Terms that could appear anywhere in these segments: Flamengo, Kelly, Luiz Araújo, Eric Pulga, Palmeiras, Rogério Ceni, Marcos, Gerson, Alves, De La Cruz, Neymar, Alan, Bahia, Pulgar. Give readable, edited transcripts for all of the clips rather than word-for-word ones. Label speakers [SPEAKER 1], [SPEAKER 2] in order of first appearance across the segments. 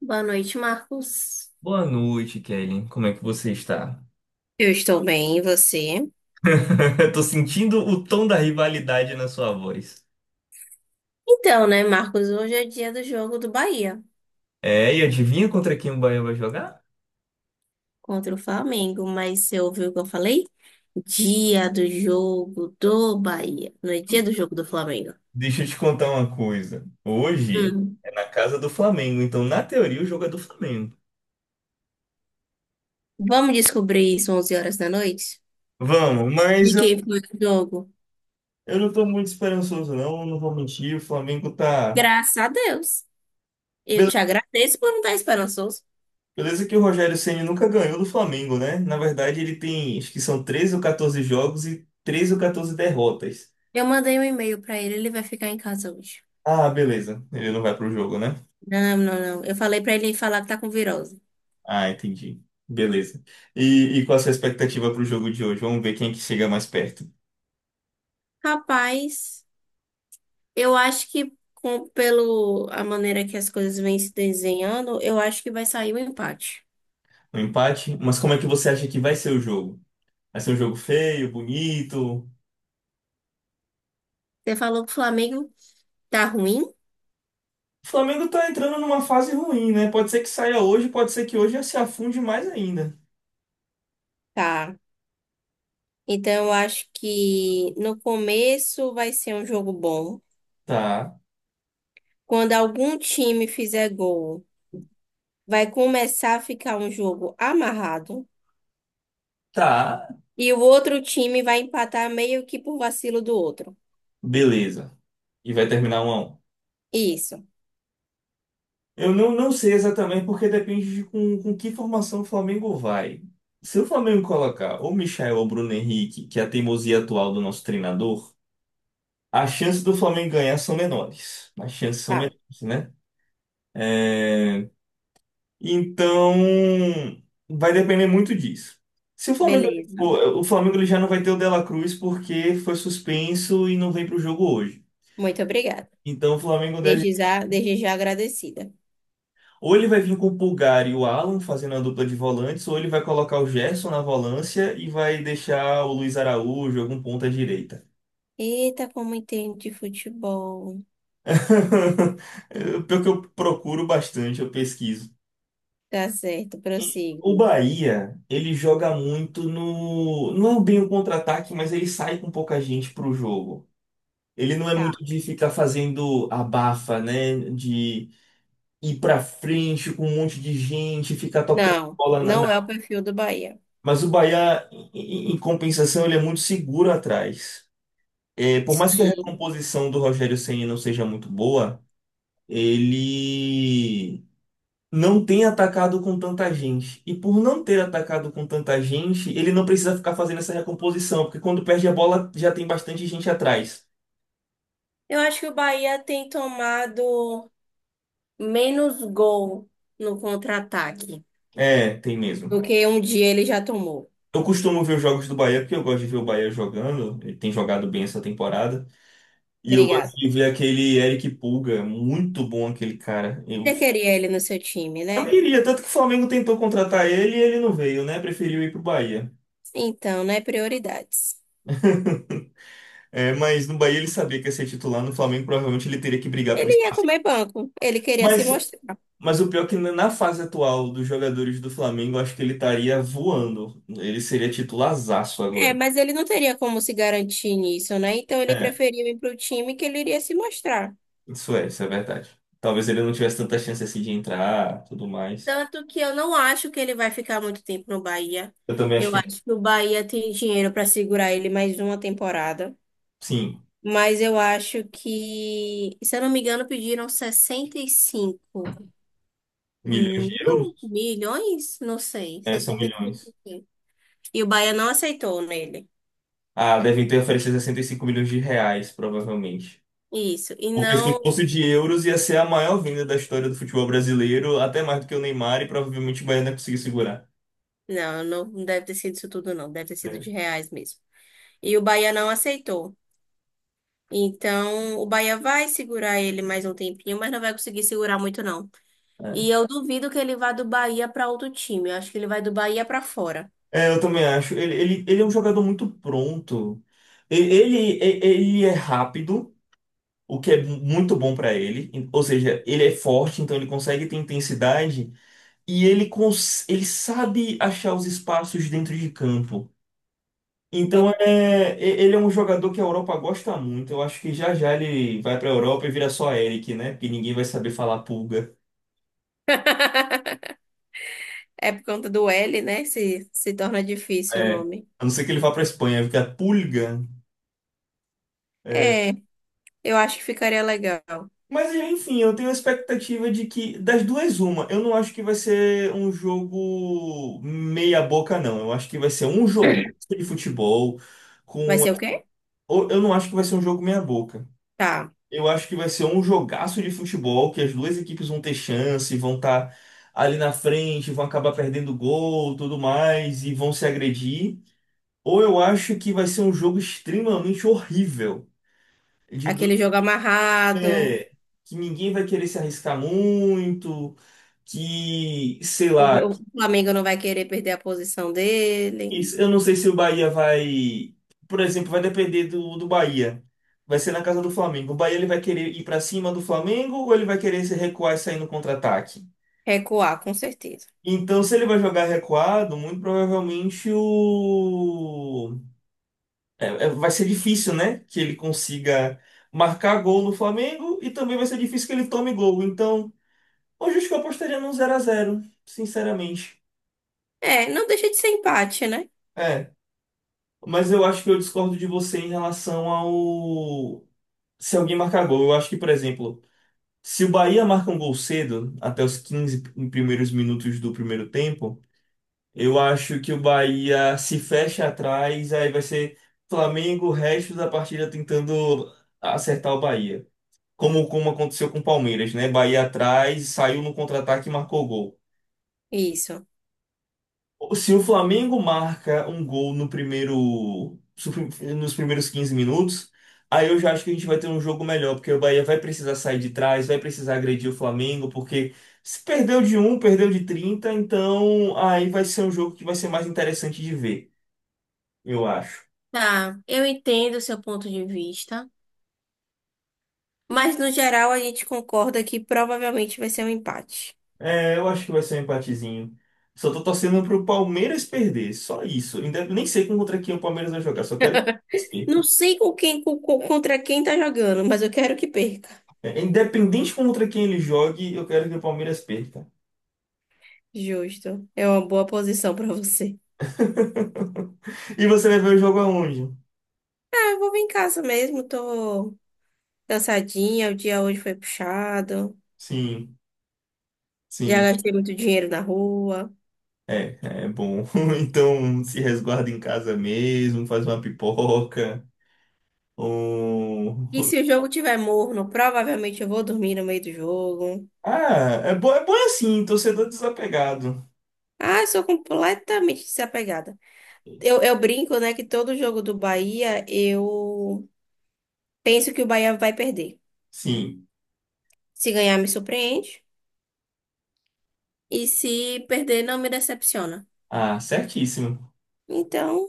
[SPEAKER 1] Boa noite, Marcos.
[SPEAKER 2] Boa noite, Kelly. Como é que você está?
[SPEAKER 1] Eu estou bem, e você?
[SPEAKER 2] Eu tô sentindo o tom da rivalidade na sua voz.
[SPEAKER 1] Então, né, Marcos, hoje é dia do jogo do Bahia
[SPEAKER 2] É, e adivinha contra quem o Bahia vai jogar?
[SPEAKER 1] contra o Flamengo, mas você ouviu o que eu falei? Dia do jogo do Bahia, não é dia do jogo do Flamengo.
[SPEAKER 2] Deixa eu te contar uma coisa. Hoje
[SPEAKER 1] Hum.
[SPEAKER 2] é na casa do Flamengo, então na teoria o jogo é do Flamengo.
[SPEAKER 1] Vamos descobrir isso 11 horas da noite?
[SPEAKER 2] Vamos, mas
[SPEAKER 1] De
[SPEAKER 2] eu,
[SPEAKER 1] quem foi o jogo?
[SPEAKER 2] eu não tô muito esperançoso não, não vou mentir, o Flamengo tá.
[SPEAKER 1] Graças a Deus. Eu
[SPEAKER 2] Bele-
[SPEAKER 1] te agradeço por não estar esperançoso.
[SPEAKER 2] Beleza que o Rogério Ceni nunca ganhou do Flamengo, né? Na verdade ele tem, acho que são 13 ou 14 jogos e 13 ou 14 derrotas.
[SPEAKER 1] Eu mandei um e-mail para ele, ele vai ficar em casa hoje.
[SPEAKER 2] Ah, beleza, ele não vai pro jogo, né?
[SPEAKER 1] Não, não, não. Eu falei para ele falar que tá com virose.
[SPEAKER 2] Ah, entendi. Beleza. E qual a sua expectativa para o jogo de hoje? Vamos ver quem é que chega mais perto.
[SPEAKER 1] Rapaz. Eu acho que pelo a maneira que as coisas vêm se desenhando, eu acho que vai sair o empate.
[SPEAKER 2] Um empate? Mas como é que você acha que vai ser o jogo? Vai ser um jogo feio, bonito?
[SPEAKER 1] Você falou que o Flamengo tá ruim?
[SPEAKER 2] O Flamengo tá entrando numa fase ruim, né? Pode ser que saia hoje, pode ser que hoje já se afunde mais ainda.
[SPEAKER 1] Tá. Então eu acho que no começo vai ser um jogo bom.
[SPEAKER 2] Tá,
[SPEAKER 1] Quando algum time fizer gol, vai começar a ficar um jogo amarrado.
[SPEAKER 2] tá,
[SPEAKER 1] E o outro time vai empatar meio que por vacilo do outro.
[SPEAKER 2] beleza. E vai terminar um a um.
[SPEAKER 1] Isso.
[SPEAKER 2] Eu não sei exatamente porque depende de com que formação o Flamengo vai. Se o Flamengo colocar ou Michael ou Bruno Henrique, que é a teimosia atual do nosso treinador. As chances do Flamengo ganhar são menores. As chances são
[SPEAKER 1] Tá.
[SPEAKER 2] menores, né? É. Então, vai depender muito disso. Se o Flamengo,
[SPEAKER 1] Beleza.
[SPEAKER 2] O Flamengo ele já não vai ter o De La Cruz porque foi suspenso e não vem para o jogo hoje.
[SPEAKER 1] Muito obrigada.
[SPEAKER 2] Então, o Flamengo deve.
[SPEAKER 1] Desde já agradecida.
[SPEAKER 2] Ou ele vai vir com o Pulgar e o Alan fazendo a dupla de volantes, ou ele vai colocar o Gerson na volância e vai deixar o Luiz Araújo, algum ponta direita.
[SPEAKER 1] Eita, como entendo de futebol.
[SPEAKER 2] Pelo que eu procuro bastante, eu pesquiso.
[SPEAKER 1] Tá certo,
[SPEAKER 2] O
[SPEAKER 1] prossigo.
[SPEAKER 2] Bahia, ele joga muito no. Não é bem o contra-ataque, mas ele sai com pouca gente pro jogo. Ele não é muito
[SPEAKER 1] Tá.
[SPEAKER 2] de ficar fazendo abafa, né? De ir pra frente com um monte de gente, ficar tocando
[SPEAKER 1] Não,
[SPEAKER 2] bola na.
[SPEAKER 1] não é o
[SPEAKER 2] na-
[SPEAKER 1] perfil do Bahia.
[SPEAKER 2] Mas o Bahia, em compensação, ele é muito seguro atrás. É, por mais que a
[SPEAKER 1] Sim.
[SPEAKER 2] recomposição do Rogério Ceni não seja muito boa, ele não tem atacado com tanta gente. E por não ter atacado com tanta gente, ele não precisa ficar fazendo essa recomposição, porque quando perde a bola já tem bastante gente atrás.
[SPEAKER 1] Eu acho que o Bahia tem tomado menos gol no contra-ataque
[SPEAKER 2] É, tem
[SPEAKER 1] do
[SPEAKER 2] mesmo.
[SPEAKER 1] que um dia ele já tomou.
[SPEAKER 2] Eu costumo ver os jogos do Bahia porque eu gosto de ver o Bahia jogando. Ele tem jogado bem essa temporada. E eu
[SPEAKER 1] Obrigada.
[SPEAKER 2] gosto de ver aquele Eric Pulga, muito bom aquele cara. Eu,
[SPEAKER 1] Você queria ele no seu time,
[SPEAKER 2] eu
[SPEAKER 1] né?
[SPEAKER 2] iria, tanto que o Flamengo tentou contratar ele e ele não veio, né? Preferiu ir pro Bahia.
[SPEAKER 1] Então, né? Prioridades.
[SPEAKER 2] É, mas no Bahia ele sabia que ia ser titular, no Flamengo provavelmente ele teria que brigar por
[SPEAKER 1] Ele ia
[SPEAKER 2] espaço.
[SPEAKER 1] comer banco, ele queria se
[SPEAKER 2] Mas
[SPEAKER 1] mostrar.
[SPEAKER 2] Mas o pior é que na fase atual dos jogadores do Flamengo, eu acho que ele estaria voando. Ele seria titularzaço
[SPEAKER 1] É,
[SPEAKER 2] agora.
[SPEAKER 1] mas ele não teria como se garantir nisso, né? Então ele
[SPEAKER 2] É,
[SPEAKER 1] preferiu ir para o time que ele iria se mostrar.
[SPEAKER 2] isso é verdade. Talvez ele não tivesse tanta chance assim de entrar, tudo mais.
[SPEAKER 1] Tanto que eu não acho que ele vai ficar muito tempo no Bahia.
[SPEAKER 2] Eu também acho
[SPEAKER 1] Eu
[SPEAKER 2] que,
[SPEAKER 1] acho que o Bahia tem dinheiro para segurar ele mais uma temporada.
[SPEAKER 2] sim,
[SPEAKER 1] Mas eu acho que, se eu não me engano, pediram sessenta e cinco
[SPEAKER 2] milhões de
[SPEAKER 1] mil
[SPEAKER 2] euros?
[SPEAKER 1] milhões? Não sei.
[SPEAKER 2] É, são
[SPEAKER 1] 65
[SPEAKER 2] milhões.
[SPEAKER 1] mil. E o Bahia não aceitou nele.
[SPEAKER 2] Ah, devem ter oferecido 65 milhões de reais, provavelmente.
[SPEAKER 1] Isso. E
[SPEAKER 2] Porque se
[SPEAKER 1] não.
[SPEAKER 2] fosse de euros, ia ser a maior venda da história do futebol brasileiro, até mais do que o Neymar, e provavelmente o Bahia não ia conseguir segurar.
[SPEAKER 1] Não, não deve ter sido isso tudo, não. Deve ter sido de reais mesmo. E o Bahia não aceitou. Então, o Bahia vai segurar ele mais um tempinho, mas não vai conseguir segurar muito, não. E
[SPEAKER 2] É.
[SPEAKER 1] eu duvido que ele vá do Bahia para outro time. Eu acho que ele vai do Bahia para fora.
[SPEAKER 2] É, eu também acho. Ele é um jogador muito pronto. Ele é rápido, o que é muito bom pra ele. Ou seja, ele é forte, então ele consegue ter intensidade e ele sabe achar os espaços dentro de campo. Então ele é um jogador que a Europa gosta muito. Eu acho que já já ele vai pra Europa e vira só Eric, né? Porque ninguém vai saber falar pulga.
[SPEAKER 1] É por conta do L, né? Se torna difícil o
[SPEAKER 2] É.
[SPEAKER 1] nome.
[SPEAKER 2] A não ser que ele vá pra Espanha, fica pulga.
[SPEAKER 1] É, eu acho que ficaria legal.
[SPEAKER 2] Mas enfim, eu tenho a expectativa de que, das duas, uma. Eu não acho que vai ser um jogo meia boca, não. Eu acho que vai ser um jogo de futebol
[SPEAKER 1] Vai
[SPEAKER 2] com.
[SPEAKER 1] ser o quê?
[SPEAKER 2] Eu não acho que vai ser um jogo meia boca.
[SPEAKER 1] Tá.
[SPEAKER 2] Eu acho que vai ser um jogaço de futebol que as duas equipes vão ter chance, vão estar ali na frente, vão acabar perdendo gol, tudo mais, e vão se agredir. Ou eu acho que vai ser um jogo extremamente horrível, de du-
[SPEAKER 1] Aquele jogo amarrado.
[SPEAKER 2] é, que ninguém vai querer se arriscar muito que, sei
[SPEAKER 1] O,
[SPEAKER 2] lá,
[SPEAKER 1] o Flamengo não vai querer perder a posição dele.
[SPEAKER 2] eu não sei se o Bahia vai, por exemplo, vai depender do Bahia. Vai ser na casa do Flamengo. O Bahia ele vai querer ir pra cima do Flamengo ou ele vai querer se recuar e sair no contra-ataque?
[SPEAKER 1] Recuar, com certeza.
[SPEAKER 2] Então, se ele vai jogar recuado, muito provavelmente vai ser difícil, né, que ele consiga marcar gol no Flamengo e também vai ser difícil que ele tome gol. Então, hoje acho que eu apostaria num zero a zero sinceramente.
[SPEAKER 1] É, não deixa de ser empate, né?
[SPEAKER 2] É. Mas eu acho que eu discordo de você em relação ao. Se alguém marcar gol. Eu acho que, por exemplo, se o Bahia marca um gol cedo, até os 15 primeiros minutos do primeiro tempo, eu acho que o Bahia se fecha atrás, aí vai ser Flamengo o resto da partida tentando acertar o Bahia. Como aconteceu com o Palmeiras, né? Bahia atrás, saiu no contra-ataque e marcou gol.
[SPEAKER 1] Isso.
[SPEAKER 2] Se o Flamengo marca um gol no primeiro, nos primeiros 15 minutos, aí eu já acho que a gente vai ter um jogo melhor, porque o Bahia vai precisar sair de trás, vai precisar agredir o Flamengo, porque se perdeu de um perdeu de 30 então aí vai ser um jogo que vai ser mais interessante de ver, eu acho.
[SPEAKER 1] Tá, eu entendo o seu ponto de vista, mas no geral a gente concorda que provavelmente vai ser um empate.
[SPEAKER 2] É, eu acho que vai ser um empatezinho. Só tô torcendo pro Palmeiras perder, só isso. Nem sei contra quem o Palmeiras vai jogar, só quero que o Palmeiras
[SPEAKER 1] Não
[SPEAKER 2] perca.
[SPEAKER 1] sei com quem, contra quem tá jogando, mas eu quero que perca.
[SPEAKER 2] É, independente contra quem ele jogue, eu quero que o Palmeiras perca.
[SPEAKER 1] Justo. É uma boa posição pra você.
[SPEAKER 2] E você vai ver o jogo aonde?
[SPEAKER 1] Ah, eu vou vir em casa mesmo, tô cansadinha, o dia hoje foi puxado,
[SPEAKER 2] Sim,
[SPEAKER 1] já
[SPEAKER 2] sim,
[SPEAKER 1] gastei muito dinheiro na rua.
[SPEAKER 2] é, bom. Então se resguarda em casa mesmo, faz uma pipoca. Ou.
[SPEAKER 1] E se o jogo tiver morno, provavelmente eu vou dormir no meio do jogo.
[SPEAKER 2] Ah, é bom assim, torcedor desapegado.
[SPEAKER 1] Ah, eu sou completamente desapegada. Eu brinco, né, que todo jogo do Bahia eu penso que o Bahia vai perder.
[SPEAKER 2] Sim,
[SPEAKER 1] Se ganhar, me surpreende. E se perder, não me decepciona.
[SPEAKER 2] ah, certíssimo.
[SPEAKER 1] Então,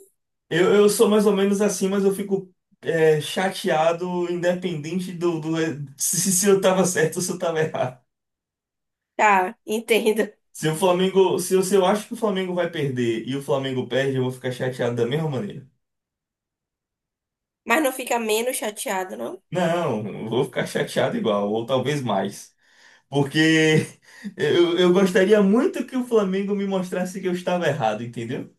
[SPEAKER 2] Eu sou mais ou menos assim, mas eu fico chateado, independente do, se eu tava certo ou se eu tava errado.
[SPEAKER 1] tá, entendo.
[SPEAKER 2] Se eu acho que o Flamengo vai perder e o Flamengo perde, eu vou ficar chateado da mesma maneira.
[SPEAKER 1] Mas não fica menos chateado, não?
[SPEAKER 2] Não, vou ficar chateado igual, ou talvez mais. Porque eu gostaria muito que o Flamengo me mostrasse que eu estava errado, entendeu?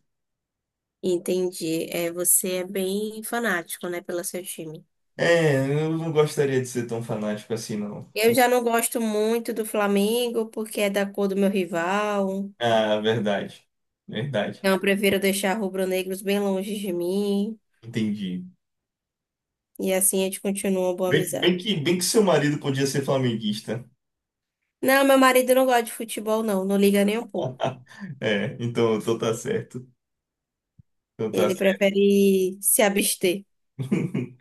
[SPEAKER 1] Entendi. É, você é bem fanático, né, pelo seu time.
[SPEAKER 2] É, eu não gostaria de ser tão fanático assim, não.
[SPEAKER 1] Eu
[SPEAKER 2] Sim.
[SPEAKER 1] já não gosto muito do Flamengo, porque é da cor do meu rival.
[SPEAKER 2] Ah, verdade. Verdade.
[SPEAKER 1] Então, eu prefiro deixar rubro-negros bem longe de mim.
[SPEAKER 2] Entendi.
[SPEAKER 1] E assim a gente continua uma boa
[SPEAKER 2] Bem,
[SPEAKER 1] amizade.
[SPEAKER 2] bem que, bem que seu marido podia ser flamenguista.
[SPEAKER 1] Não, meu marido não gosta de futebol, não. Não liga nem um pouco.
[SPEAKER 2] É, então tá certo. Então tá
[SPEAKER 1] Ele
[SPEAKER 2] certo.
[SPEAKER 1] prefere se abster.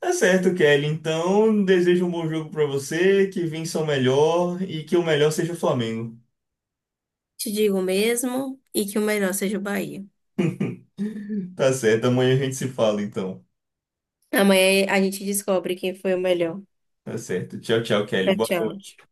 [SPEAKER 2] Tá certo, Kelly. Então, desejo um bom jogo pra você, que vença o melhor e que o melhor seja o Flamengo.
[SPEAKER 1] Te digo mesmo e que o melhor seja o Bahia.
[SPEAKER 2] Tá certo, amanhã a gente se fala então.
[SPEAKER 1] Amanhã a gente descobre quem foi o melhor.
[SPEAKER 2] Tá certo. Tchau, tchau, Kelly.
[SPEAKER 1] Tchau,
[SPEAKER 2] Boa
[SPEAKER 1] tchau.
[SPEAKER 2] noite.